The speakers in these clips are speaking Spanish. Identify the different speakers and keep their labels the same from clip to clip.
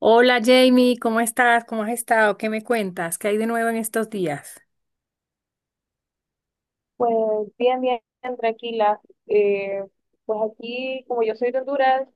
Speaker 1: Hola Jamie, ¿cómo estás? ¿Cómo has estado? ¿Qué me cuentas? ¿Qué hay de nuevo en estos días?
Speaker 2: Pues bien, bien, tranquila. Eh, pues aquí, como yo soy de Honduras,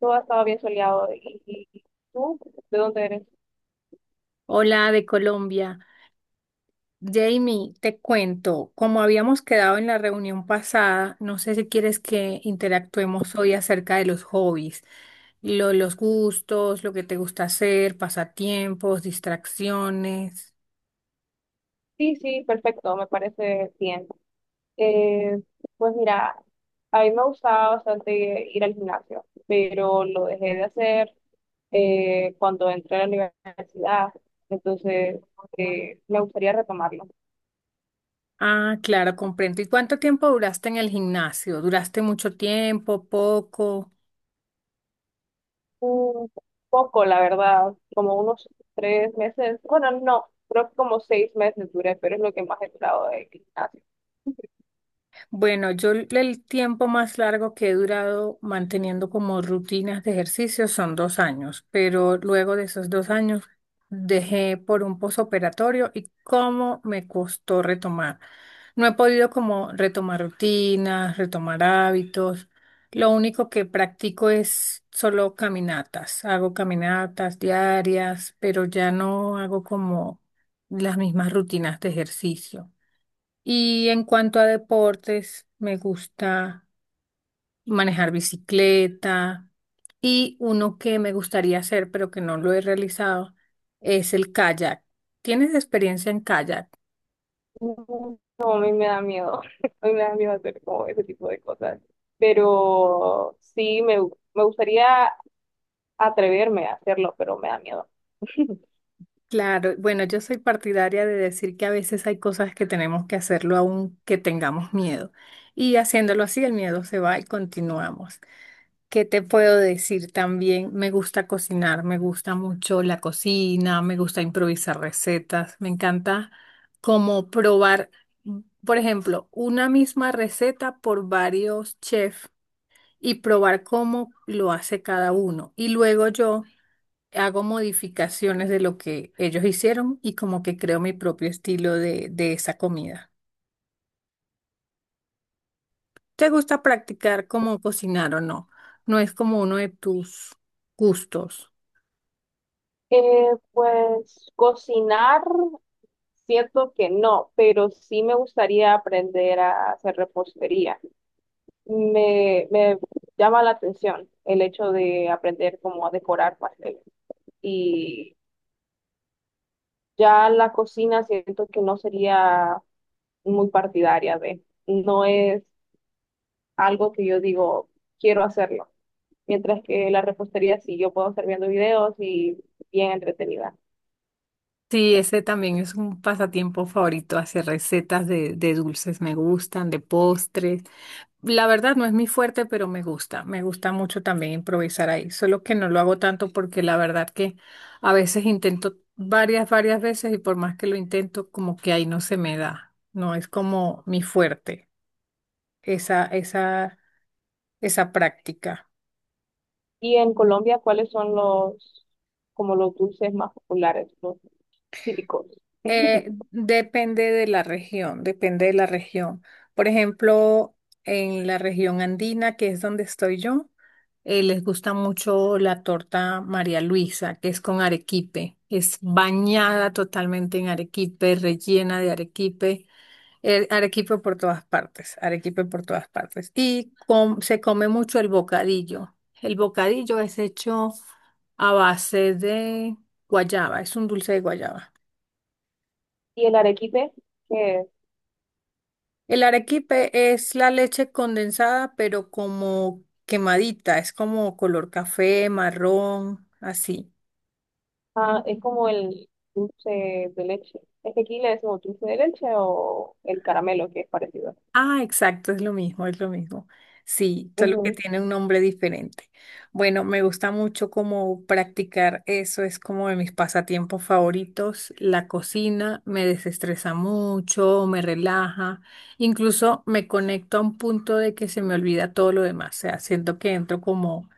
Speaker 2: todo ha estado bien soleado. ¿Y tú? ¿De dónde eres?
Speaker 1: Hola de Colombia. Jamie, te cuento, como habíamos quedado en la reunión pasada, no sé si quieres que interactuemos hoy acerca de los hobbies, los gustos, lo que te gusta hacer, pasatiempos, distracciones.
Speaker 2: Sí, sí, perfecto, me parece bien. Eh, pues mira, a mí me gustaba bastante ir al gimnasio, pero lo dejé de hacer cuando entré a la universidad. Entonces, me gustaría retomarlo.
Speaker 1: Ah, claro, comprendo. ¿Y cuánto tiempo duraste en el gimnasio? ¿Duraste mucho tiempo, poco?
Speaker 2: Mm, Poco, la verdad, como unos 3 meses, bueno, no, creo que como 6 meses duré, pero es lo que más he durado de gimnasio.
Speaker 1: Bueno, yo el tiempo más largo que he durado manteniendo como rutinas de ejercicio son 2 años, pero luego de esos 2 años dejé por un posoperatorio y cómo me costó retomar. No he podido como retomar rutinas, retomar hábitos. Lo único que practico es solo caminatas. Hago caminatas diarias, pero ya no hago como las mismas rutinas de ejercicio. Y en cuanto a deportes, me gusta manejar bicicleta y uno que me gustaría hacer, pero que no lo he realizado, es el kayak. ¿Tienes experiencia en kayak?
Speaker 2: No, a mí me da miedo, a mí me da miedo hacer como ese tipo de cosas, pero sí, me gustaría atreverme a hacerlo, pero me da miedo.
Speaker 1: Claro, bueno, yo soy partidaria de decir que a veces hay cosas que tenemos que hacerlo aunque tengamos miedo. Y haciéndolo así, el miedo se va y continuamos. ¿Qué te puedo decir también? Me gusta cocinar, me gusta mucho la cocina, me gusta improvisar recetas, me encanta como probar, mm, por ejemplo, una misma receta por varios chefs y probar cómo lo hace cada uno. Y luego yo hago modificaciones de lo que ellos hicieron y como que creo mi propio estilo de esa comida. ¿Te gusta practicar cómo cocinar o no? No es como uno de tus gustos.
Speaker 2: Pues cocinar, siento que no, pero sí me gustaría aprender a hacer repostería. Me llama la atención el hecho de aprender cómo a decorar pasteles y ya la cocina siento que no sería muy partidaria de, no es algo que yo digo, quiero hacerlo. Mientras que la repostería sí, yo puedo estar viendo videos y bien entretenida.
Speaker 1: Sí, ese también es un pasatiempo favorito, hacer recetas de dulces, me gustan, de postres. La verdad no es mi fuerte, pero me gusta mucho también improvisar ahí, solo que no lo hago tanto porque la verdad que a veces intento varias veces y por más que lo intento, como que ahí no se me da, no es como mi fuerte, esa, esa, esa práctica.
Speaker 2: Y en Colombia, ¿cuáles son los, como los dulces más populares, los típicos?
Speaker 1: Depende de la región, depende de la región. Por ejemplo, en la región andina, que es donde estoy yo, les gusta mucho la torta María Luisa, que es con arequipe. Es bañada totalmente en arequipe, rellena de arequipe. El arequipe por todas partes, arequipe por todas partes. Y se come mucho el bocadillo. El bocadillo es hecho a base de guayaba, es un dulce de guayaba.
Speaker 2: ¿Y el arequipe, que es?
Speaker 1: El arequipe es la leche condensada, pero como quemadita, es como color café, marrón, así.
Speaker 2: Ah, es como el dulce de leche. Es que aquí le decimos dulce de leche o el caramelo, que es parecido.
Speaker 1: Ah, exacto, es lo mismo, es lo mismo. Sí, solo que
Speaker 2: Ujú.
Speaker 1: tiene un nombre diferente. Bueno, me gusta mucho como practicar eso, es como de mis pasatiempos favoritos. La cocina me desestresa mucho, me relaja, incluso me conecto a un punto de que se me olvida todo lo demás, o sea, siento que entro como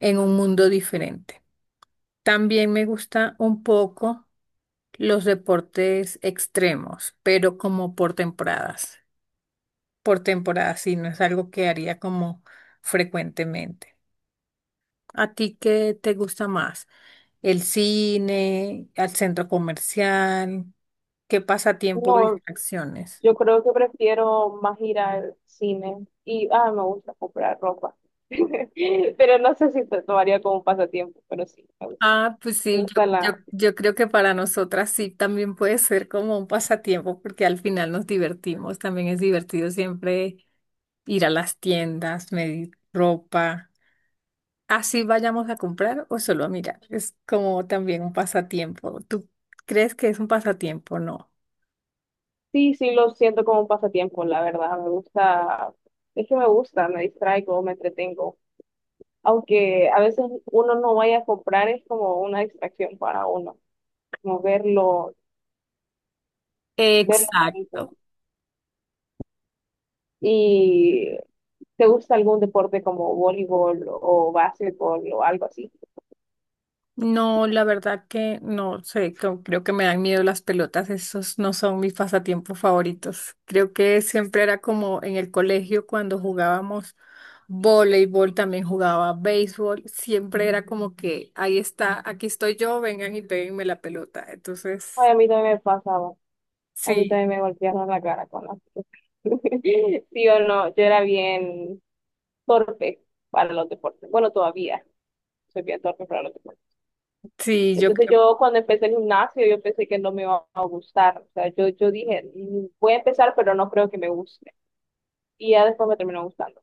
Speaker 1: en un mundo diferente. También me gusta un poco los deportes extremos, pero como por temporadas. Por temporadas, sí, no es algo que haría como frecuentemente. ¿A ti qué te gusta más? ¿El cine, al centro comercial? ¿Qué pasatiempo o
Speaker 2: No,
Speaker 1: distracciones?
Speaker 2: yo creo que prefiero más ir al cine y, ah, me gusta comprar ropa. Pero no sé si te tomaría como un pasatiempo, pero sí,
Speaker 1: Ah, pues
Speaker 2: me
Speaker 1: sí,
Speaker 2: gusta
Speaker 1: yo, yo,
Speaker 2: la...
Speaker 1: yo creo que para nosotras sí también puede ser como un pasatiempo porque al final nos divertimos. También es divertido siempre ir a las tiendas, medir ropa. Así vayamos a comprar o solo a mirar. Es como también un pasatiempo. ¿Tú crees que es un pasatiempo? No.
Speaker 2: Sí, sí, lo siento como un pasatiempo, la verdad, me gusta, es que me gusta, me distraigo, me entretengo. Aunque a veces uno no vaya a comprar, es como una distracción para uno, como verlo, verlo bonito.
Speaker 1: Exacto.
Speaker 2: ¿Y te gusta algún deporte como voleibol o básquetbol o algo así?
Speaker 1: No, la verdad que no sé, creo que me dan miedo las pelotas, esos no son mis pasatiempos favoritos. Creo que siempre era como en el colegio cuando jugábamos voleibol, también jugaba béisbol, siempre era como que ahí está, aquí estoy yo, vengan y péguenme la pelota.
Speaker 2: Ay,
Speaker 1: Entonces
Speaker 2: a mí también me pasa. A mí
Speaker 1: sí,
Speaker 2: también me golpearon la cara con la... Sí o no, yo era bien torpe para los deportes. Bueno, todavía soy bien torpe para los deportes.
Speaker 1: sí, yo
Speaker 2: Entonces
Speaker 1: creo,
Speaker 2: yo cuando empecé el gimnasio, yo pensé que no me iba a gustar. O sea, yo dije, Voy a empezar, pero no creo que me guste". Y ya después me terminó gustando.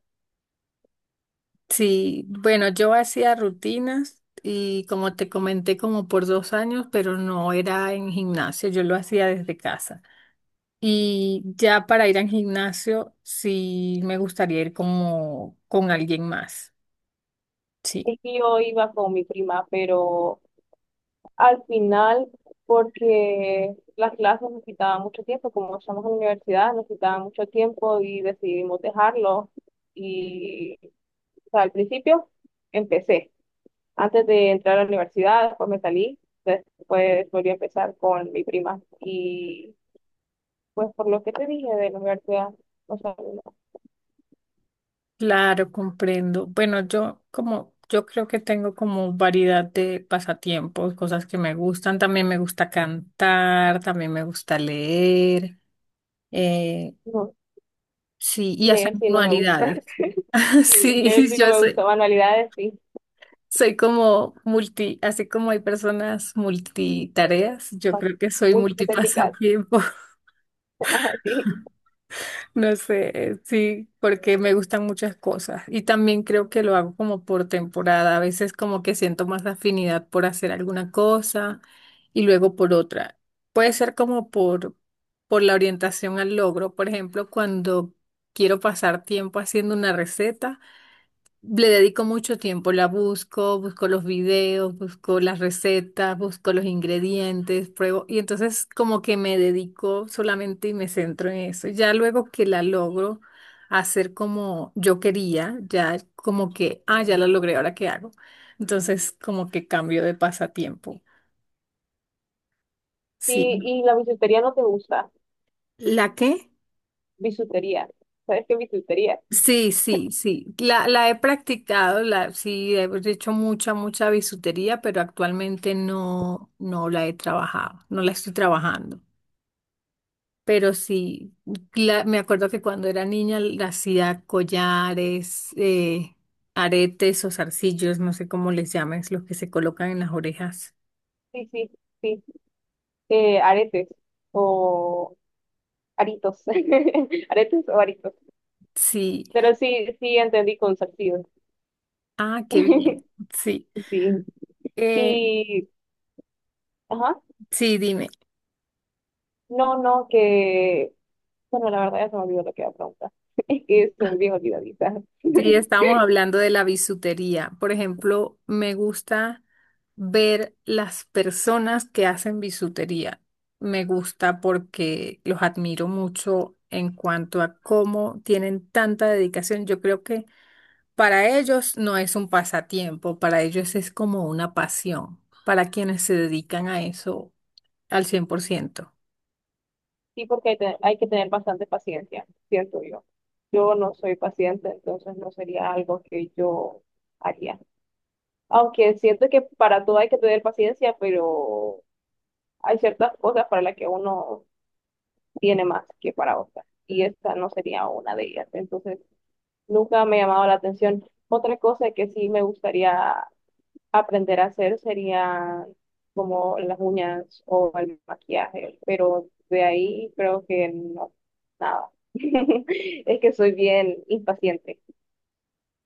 Speaker 1: sí, bueno, yo hacía rutinas y como te comenté, como por 2 años, pero no era en gimnasio, yo lo hacía desde casa. Y ya para ir al gimnasio, sí me gustaría ir como con alguien más. Sí,
Speaker 2: Es que yo iba con mi prima, pero al final, porque las clases nos quitaban mucho tiempo, como estamos en la universidad, nos quitaban mucho tiempo y decidimos dejarlo. Y, o sea, al principio empecé, antes de entrar a la universidad, después me salí, después volví a empezar con mi prima. Y pues por lo que te dije de la universidad, o sea, no,
Speaker 1: claro, comprendo. Bueno, yo como, yo creo que tengo como variedad de pasatiempos, cosas que me gustan. También me gusta cantar, también me gusta leer. Eh,
Speaker 2: no,
Speaker 1: Sí, y hacer
Speaker 2: leer sí no me gusta,
Speaker 1: modalidades.
Speaker 2: leer
Speaker 1: Sí,
Speaker 2: sí no
Speaker 1: yo
Speaker 2: me gusta,
Speaker 1: soy,
Speaker 2: manualidades sí,
Speaker 1: soy como multi, así como hay personas multitareas, yo
Speaker 2: pas-
Speaker 1: creo que soy
Speaker 2: muy hipotéticas.
Speaker 1: multipasatiempo,
Speaker 2: Ajá, sí.
Speaker 1: no sé, sí, porque me gustan muchas cosas y también creo que lo hago como por temporada, a veces como que siento más afinidad por hacer alguna cosa y luego por otra. Puede ser como por la orientación al logro, por ejemplo, cuando quiero pasar tiempo haciendo una receta. Le dedico mucho tiempo, la busco, busco los videos, busco las recetas, busco los ingredientes, pruebo y entonces como que me dedico solamente y me centro en eso. Ya luego que la logro hacer como yo quería, ya como que, ah, ya la logré, ahora qué hago. Entonces como que cambio de pasatiempo.
Speaker 2: Sí,
Speaker 1: Sí.
Speaker 2: y la bisutería no te gusta,
Speaker 1: ¿La qué?
Speaker 2: bisutería, ¿sabes qué es bisutería?
Speaker 1: Sí, sí, sí. La he practicado, la, sí, he hecho mucha, mucha bisutería, pero actualmente no, no la he trabajado, no la estoy trabajando. Pero sí, me acuerdo que cuando era niña la hacía collares, aretes o zarcillos, no sé cómo les llaman, es los que se colocan en las orejas.
Speaker 2: Sí, sí, sí. Aretes o aritos. Aretes o aritos.
Speaker 1: Sí.
Speaker 2: Pero sí, sí entendí con salsido.
Speaker 1: Ah, qué bien. Sí.
Speaker 2: Sí.
Speaker 1: Eh,
Speaker 2: Y, ajá.
Speaker 1: sí, dime.
Speaker 2: No, no, que. Bueno, la verdad ya se me olvidó lo que iba a preguntar. Es que soy bien olvidadiza.
Speaker 1: Sí, estábamos hablando de la bisutería. Por ejemplo, me gusta ver las personas que hacen bisutería. Me gusta porque los admiro mucho en cuanto a cómo tienen tanta dedicación. Yo creo que para ellos no es un pasatiempo, para ellos es como una pasión, para quienes se dedican a eso al 100%.
Speaker 2: Sí, porque hay, te- hay que tener bastante paciencia, ¿cierto yo? Yo no soy paciente, entonces no sería algo que yo haría. Aunque siento que para todo hay que tener paciencia, pero hay ciertas cosas para las que uno tiene más que para otras. Y esta no sería una de ellas. Entonces, nunca me ha llamado la atención. Otra cosa que sí me gustaría aprender a hacer sería como las uñas o el maquillaje, pero de ahí creo que no, nada. Es que soy bien impaciente,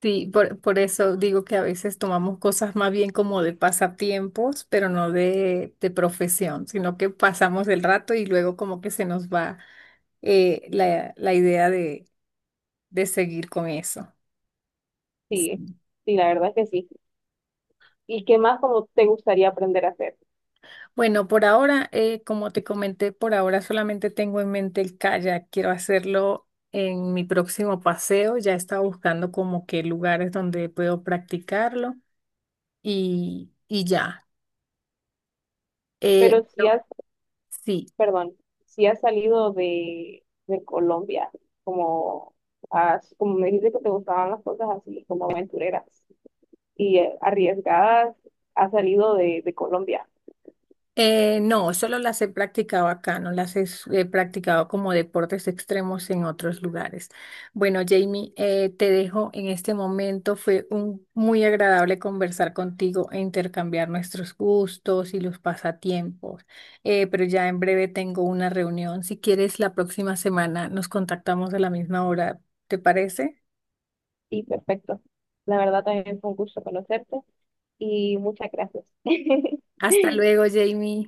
Speaker 1: Sí, por eso digo que a veces tomamos cosas más bien como de pasatiempos, pero no de profesión, sino que pasamos el rato y luego como que se nos va la idea de seguir con eso.
Speaker 2: sí,
Speaker 1: Sí.
Speaker 2: sí, la verdad es que sí. ¿Y qué más como te gustaría aprender a hacer?
Speaker 1: Bueno, por ahora, como te comenté, por ahora solamente tengo en mente el kayak. Quiero hacerlo en mi próximo paseo. Ya estaba buscando como que lugares donde puedo practicarlo y ya.
Speaker 2: Pero si
Speaker 1: Bueno,
Speaker 2: has,
Speaker 1: sí.
Speaker 2: perdón, si has salido de Colombia, como, como me dijiste que te gustaban las cosas así, como aventureras y arriesgadas, has salido de, Colombia.
Speaker 1: No, solo las he practicado acá, no las he, he practicado como deportes extremos en otros lugares. Bueno, Jamie, te dejo en este momento. Fue muy agradable conversar contigo e intercambiar nuestros gustos y los pasatiempos. Pero ya en breve tengo una reunión. Si quieres, la próxima semana nos contactamos a la misma hora. ¿Te parece?
Speaker 2: Sí, perfecto. La verdad también fue un gusto conocerte y muchas gracias.
Speaker 1: Hasta luego, Jamie.